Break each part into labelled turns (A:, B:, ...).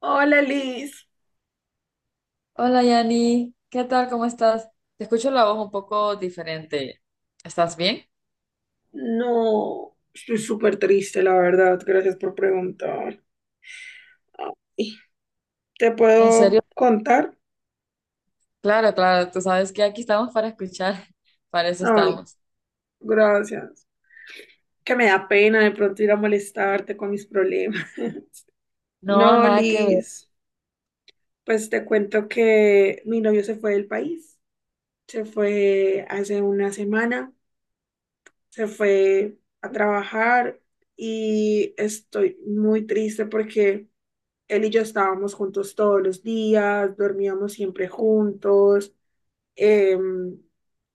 A: Hola Liz,
B: Hola Yani, ¿qué tal? ¿Cómo estás? Te escucho la voz un poco diferente. ¿Estás bien?
A: no, estoy súper triste, la verdad, gracias por preguntar. Ay, ¿te
B: ¿En serio?
A: puedo contar?
B: Claro, claro, tú sabes que aquí estamos para escuchar, para eso
A: Ay,
B: estamos.
A: gracias. Que me da pena de pronto ir a molestarte con mis problemas.
B: No,
A: No,
B: nada que ver.
A: Liz, pues te cuento que mi novio se fue del país, se fue hace una semana, se fue a trabajar y estoy muy triste porque... Él y yo estábamos juntos todos los días, dormíamos siempre juntos, em,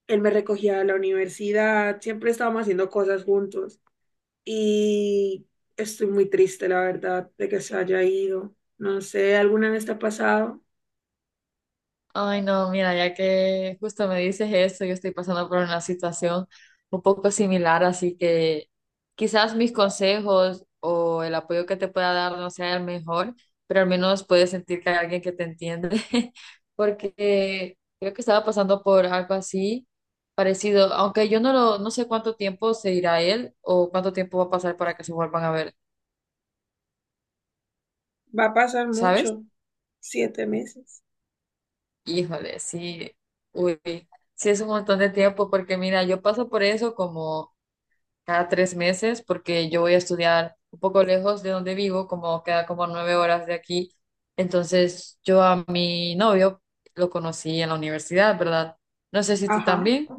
A: él me recogía de la universidad, siempre estábamos haciendo cosas juntos y estoy muy triste, la verdad, de que se haya ido. No sé, ¿alguna vez te ha pasado?
B: Ay, no, mira, ya que justo me dices eso, yo estoy pasando por una situación un poco similar, así que quizás mis consejos o el apoyo que te pueda dar no sea el mejor, pero al menos puedes sentir que hay alguien que te entiende, porque creo que estaba pasando por algo así parecido, aunque yo no lo, no sé cuánto tiempo se irá él o cuánto tiempo va a pasar para que se vuelvan a ver,
A: Va a pasar
B: ¿sabes?
A: mucho, 7 meses.
B: Híjole, sí, uy, sí es un montón de tiempo porque mira, yo paso por eso como cada 3 meses porque yo voy a estudiar un poco lejos de donde vivo, como queda como 9 horas de aquí. Entonces yo a mi novio lo conocí en la universidad, ¿verdad? No sé si tú
A: Ajá.
B: también,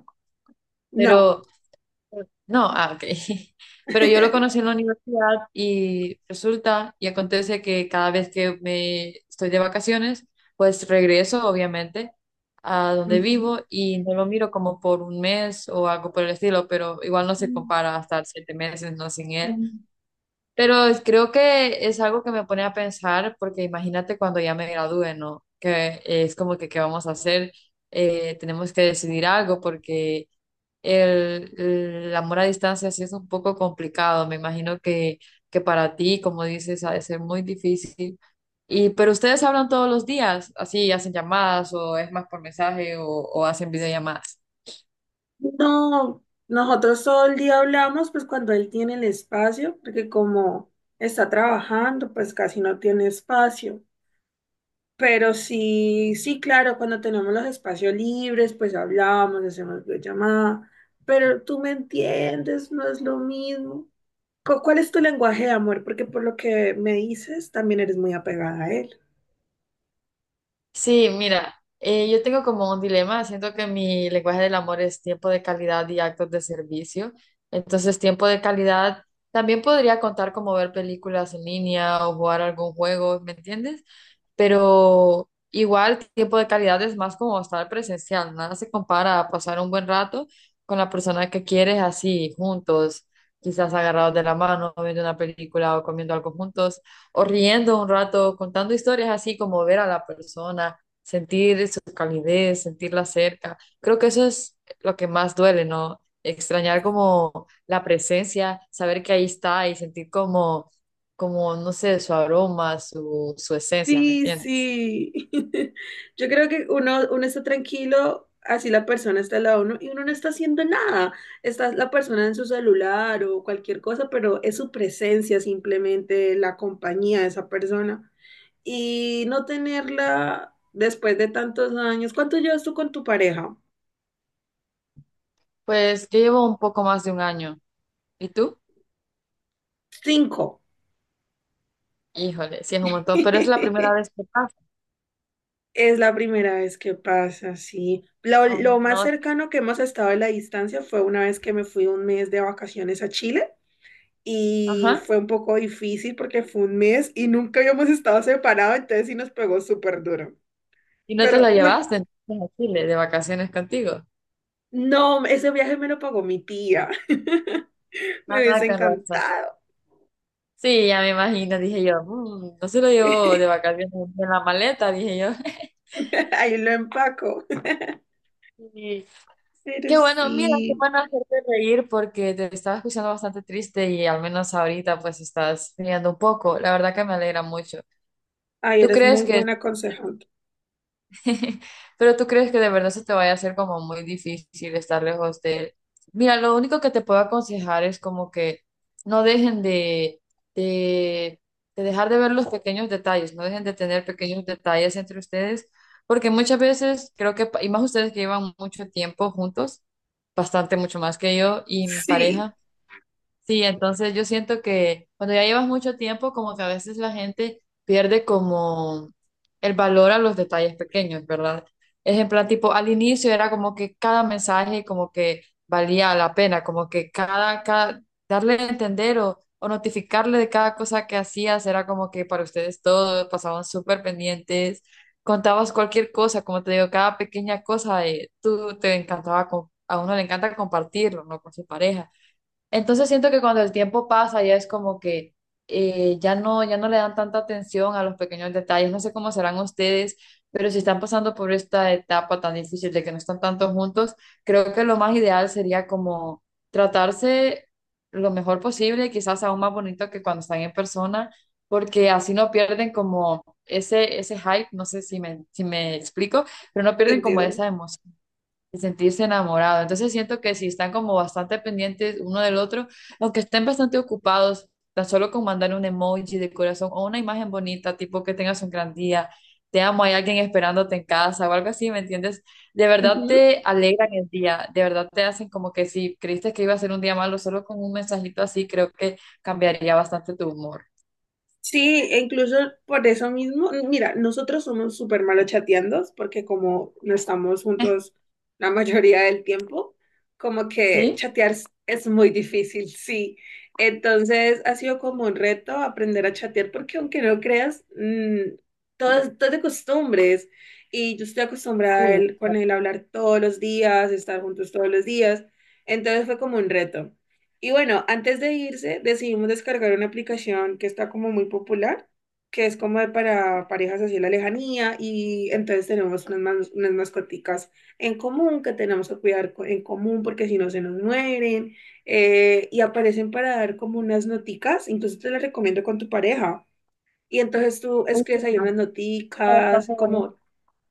A: No.
B: pero no, ah, ok. Pero yo lo conocí en la universidad y resulta y acontece que cada vez que me estoy de vacaciones, pues regreso, obviamente, a donde
A: Ujú.
B: vivo y no lo miro como por un mes o algo por el estilo, pero igual no se
A: Mm,
B: compara a estar 7 meses no sin él. Creo que es algo que me pone a pensar porque imagínate cuando ya me gradúe, ¿no? Que es como que, ¿qué vamos a hacer? Tenemos que decidir algo porque el amor a distancia sí es un poco complicado. Me imagino que para ti, como dices, ha de ser muy difícil. Y, pero ustedes hablan todos los días, así hacen llamadas o es más por mensaje o hacen videollamadas.
A: No, nosotros todo el día hablamos, pues cuando él tiene el espacio, porque como está trabajando, pues casi no tiene espacio. Pero sí, sí, claro, cuando tenemos los espacios libres, pues hablamos, hacemos videollamada. Pero tú me entiendes, no es lo mismo. ¿Cuál es tu lenguaje de amor? Porque por lo que me dices, también eres muy apegada a él.
B: Sí, mira, yo tengo como un dilema. Siento que mi lenguaje del amor es tiempo de calidad y actos de servicio. Entonces, tiempo de calidad también podría contar como ver películas en línea o jugar algún juego, ¿me entiendes? Pero igual tiempo de calidad es más como estar presencial, nada se compara a pasar un buen rato con la persona que quieres así, juntos, quizás agarrados de la mano, viendo una película o comiendo algo juntos, o riendo un rato, contando historias así como ver a la persona, sentir su calidez, sentirla cerca. Creo que eso es lo que más duele, ¿no? Extrañar como la presencia, saber que ahí está y sentir como, no sé, su aroma, su esencia, ¿me
A: Sí,
B: entiendes?
A: sí. Yo creo que uno está tranquilo, así la persona está al lado de uno y uno no está haciendo nada. Está la persona en su celular o cualquier cosa, pero es su presencia simplemente, la compañía de esa persona. Y no tenerla después de tantos años. ¿Cuánto llevas tú con tu pareja?
B: Pues yo llevo un poco más de un año. ¿Y tú?
A: Cinco.
B: Híjole, sí es un montón, pero es la primera vez que pasa.
A: Es la primera vez que pasa, sí. Lo,
B: Ay,
A: lo más
B: no,
A: cercano que hemos estado a la distancia fue una vez que me fui un mes de vacaciones a Chile. Y
B: ajá.
A: fue un poco difícil porque fue un mes y nunca habíamos estado separados, entonces sí nos pegó súper duro.
B: ¿Y no te
A: Pero
B: la
A: no,
B: llevaste entonces a Chile de vacaciones contigo?
A: no, ese viaje me lo pagó mi tía. Me
B: Ah,
A: hubiese
B: con razón.
A: encantado.
B: Sí, ya me imagino, dije yo. "Mm, no se lo llevó de vacaciones en la maleta", dije yo.
A: Ahí lo empaco.
B: Y
A: Pero
B: qué bueno, mira, qué
A: sí,
B: bueno hacerte reír porque te estaba escuchando bastante triste y al menos ahorita pues estás riendo un poco. La verdad que me alegra mucho.
A: ay,
B: ¿Tú
A: eres
B: crees
A: muy
B: que,
A: buena aconsejante.
B: pero tú crees que de verdad se te vaya a hacer como muy difícil estar lejos de él? Mira, lo único que te puedo aconsejar es como que no dejen de, de dejar de ver los pequeños detalles, no dejen de tener pequeños detalles entre ustedes, porque muchas veces creo que, y más ustedes que llevan mucho tiempo juntos, bastante mucho más que yo y mi
A: Sí,
B: pareja. Sí, entonces yo siento que cuando ya llevas mucho tiempo, como que a veces la gente pierde como el valor a los detalles pequeños, ¿verdad? Es en plan, tipo, al inicio era como que cada mensaje como que valía la pena, como que cada darle a entender o notificarle de cada cosa que hacías era como que para ustedes todo, pasaban súper pendientes, contabas cualquier cosa, como te digo, cada pequeña cosa, tú te encantaba, a uno le encanta compartirlo, ¿no? Con su pareja. Entonces siento que cuando el tiempo pasa ya es como que ya no, le dan tanta atención a los pequeños detalles. No sé cómo serán ustedes, pero si están pasando por esta etapa tan difícil de que no están tanto juntos, creo que lo más ideal sería como tratarse lo mejor posible, quizás aún más bonito que cuando están en persona, porque así no pierden como ese, hype, no sé si me explico, pero no
A: te
B: pierden como
A: entiendo.
B: esa emoción de sentirse enamorado. Entonces siento que si están como bastante pendientes uno del otro, aunque estén bastante ocupados, tan solo con mandar un emoji de corazón o una imagen bonita, tipo que tengas un gran día, te amo, hay alguien esperándote en casa o algo así, ¿me entiendes? De verdad
A: Ujú.
B: te alegran el día, de verdad te hacen como que si creíste que iba a ser un día malo, solo con un mensajito así, creo que cambiaría bastante tu humor.
A: Sí, e incluso por eso mismo, mira, nosotros somos súper malos chateando porque como no estamos juntos la mayoría del tiempo, como que
B: ¿Sí?
A: chatear es muy difícil, sí. Entonces ha sido como un reto aprender a chatear porque aunque no creas, todo es de costumbres y yo estoy
B: Sí,
A: acostumbrada a con él a hablar todos los días, estar juntos todos los días, entonces fue como un reto. Y bueno, antes de irse, decidimos descargar una aplicación que está como muy popular, que es como de para parejas así a la lejanía, y entonces tenemos unas mascoticas en común que tenemos que cuidar en común porque si no se nos mueren, y aparecen para dar como unas noticas, incluso te las recomiendo con tu pareja. Y entonces tú
B: mucho,
A: escribes ahí unas
B: está
A: noticas,
B: bastante bonito.
A: como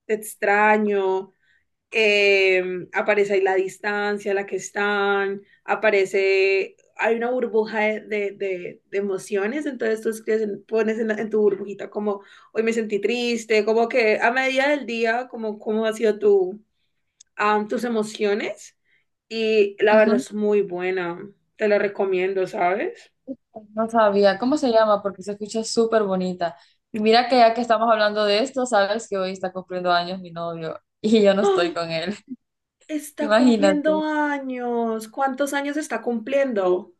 A: te extraño, aparece ahí la distancia a la que están, aparece, hay una burbuja de emociones, entonces tú escribes pones en tu burbujita como hoy me sentí triste, como que a medida del día, como cómo ha sido tu, tus emociones y la verdad es muy buena, te la recomiendo, ¿sabes?
B: No sabía cómo se llama porque se escucha súper bonita. Y mira que ya que estamos hablando de esto, sabes que hoy está cumpliendo años mi novio y yo no estoy
A: ¡Ah!
B: con él.
A: Está cumpliendo
B: Imagínate,
A: años, ¿cuántos años está cumpliendo?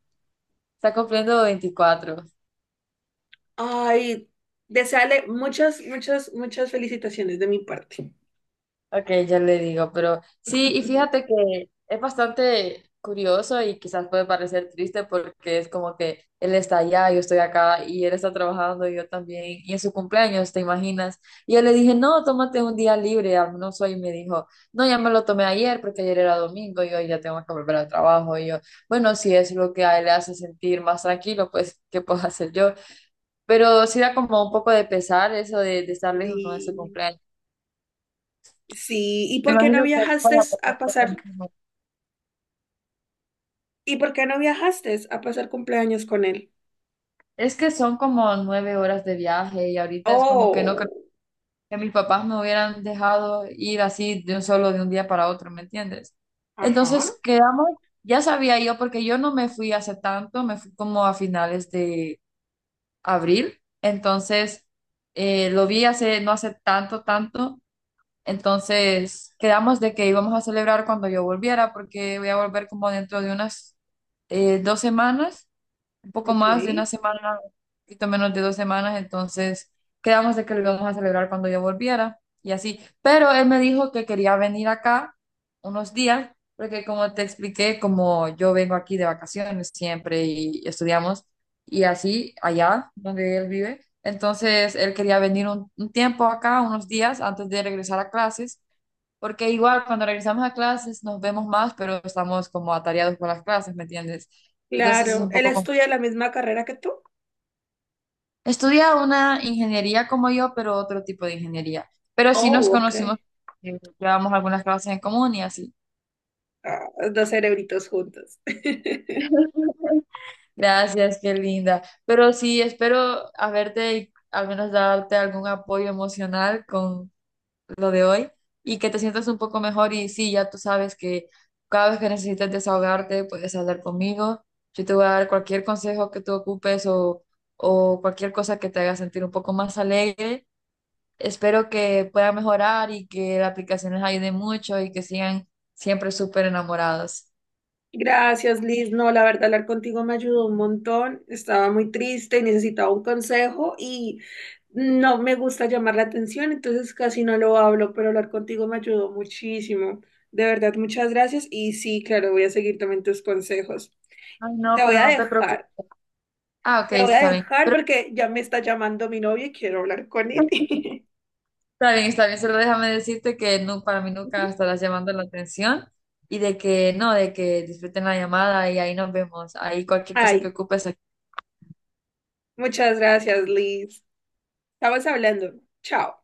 B: está cumpliendo 24.
A: Ay, desearle muchas, muchas, muchas felicitaciones de mi parte.
B: Ok, ya le digo, pero sí, y fíjate que es bastante curioso y quizás puede parecer triste porque es como que él está allá, yo estoy acá y él está trabajando, yo también, y en su cumpleaños, ¿te imaginas? Y yo le dije, no, tómate un día libre, al menos hoy, y me dijo, no, ya me lo tomé ayer porque ayer era domingo y hoy ya tengo que volver al trabajo, y yo, bueno, si es lo que a él le hace sentir más tranquilo, pues, ¿qué puedo hacer yo? Pero sí da como un poco de pesar eso de estar lejos, ¿no? De su
A: Sí,
B: cumpleaños.
A: sí. ¿Y
B: Me
A: por qué no
B: imagino que
A: viajaste
B: para
A: a
B: ponerte
A: pasar?
B: temprano.
A: ¿Y por qué no viajaste a pasar cumpleaños con él?
B: Es que son como 9 horas de viaje y ahorita es como que no creo
A: Oh,
B: que mis papás me hubieran dejado ir así de un solo de un día para otro, ¿me entiendes?
A: ajá,
B: Entonces quedamos, ya sabía yo porque yo no me fui hace tanto, me fui como a finales de abril, entonces lo vi hace no hace tanto, tanto, entonces quedamos de que íbamos a celebrar cuando yo volviera porque voy a volver como dentro de unas 2 semanas. Un poco
A: ok.
B: más de una semana, un poquito menos de 2 semanas, entonces quedamos de que lo íbamos a celebrar cuando yo volviera y así. Pero él me dijo que quería venir acá unos días, porque como te expliqué, como yo vengo aquí de vacaciones siempre y estudiamos y así allá donde él vive, entonces él quería venir un tiempo acá, unos días antes de regresar a clases. Porque igual cuando regresamos a clases nos vemos más, pero estamos como atareados con las clases, ¿me entiendes? Entonces es
A: Claro,
B: un
A: ¿él
B: poco complicado.
A: estudia la misma carrera que tú?
B: Estudia una ingeniería como yo, pero otro tipo de ingeniería. Pero sí nos
A: Oh,
B: conocimos,
A: ok.
B: llevamos algunas clases en común y así.
A: Ah, dos cerebritos juntos.
B: Gracias, qué linda. Pero sí, espero haberte, y al menos darte algún apoyo emocional con lo de hoy y que te sientas un poco mejor. Y sí, ya tú sabes que cada vez que necesites desahogarte, puedes hablar conmigo. Yo te voy a dar cualquier consejo que tú ocupes, o cualquier cosa que te haga sentir un poco más alegre. Espero que puedan mejorar y que la aplicación les ayude mucho y que sigan siempre súper enamorados.
A: Gracias, Liz. No, la verdad, hablar contigo me ayudó un montón. Estaba muy triste y necesitaba un consejo y no me gusta llamar la atención, entonces casi no lo hablo, pero hablar contigo me ayudó muchísimo. De verdad, muchas gracias. Y sí, claro, voy a seguir también tus consejos.
B: Ay, no,
A: Te voy
B: pero
A: a
B: no te preocupes.
A: dejar,
B: Ah, ok,
A: te voy a
B: está bien.
A: dejar
B: Pero
A: porque ya me está llamando mi novio y quiero hablar con él.
B: está bien, está bien. Solo déjame decirte que no, para mí nunca estarás llamando la atención y de que no, de que disfruten la llamada y ahí nos vemos. Ahí cualquier cosa que
A: Ay,
B: ocupes,
A: muchas gracias, Liz. Estamos hablando. Chao.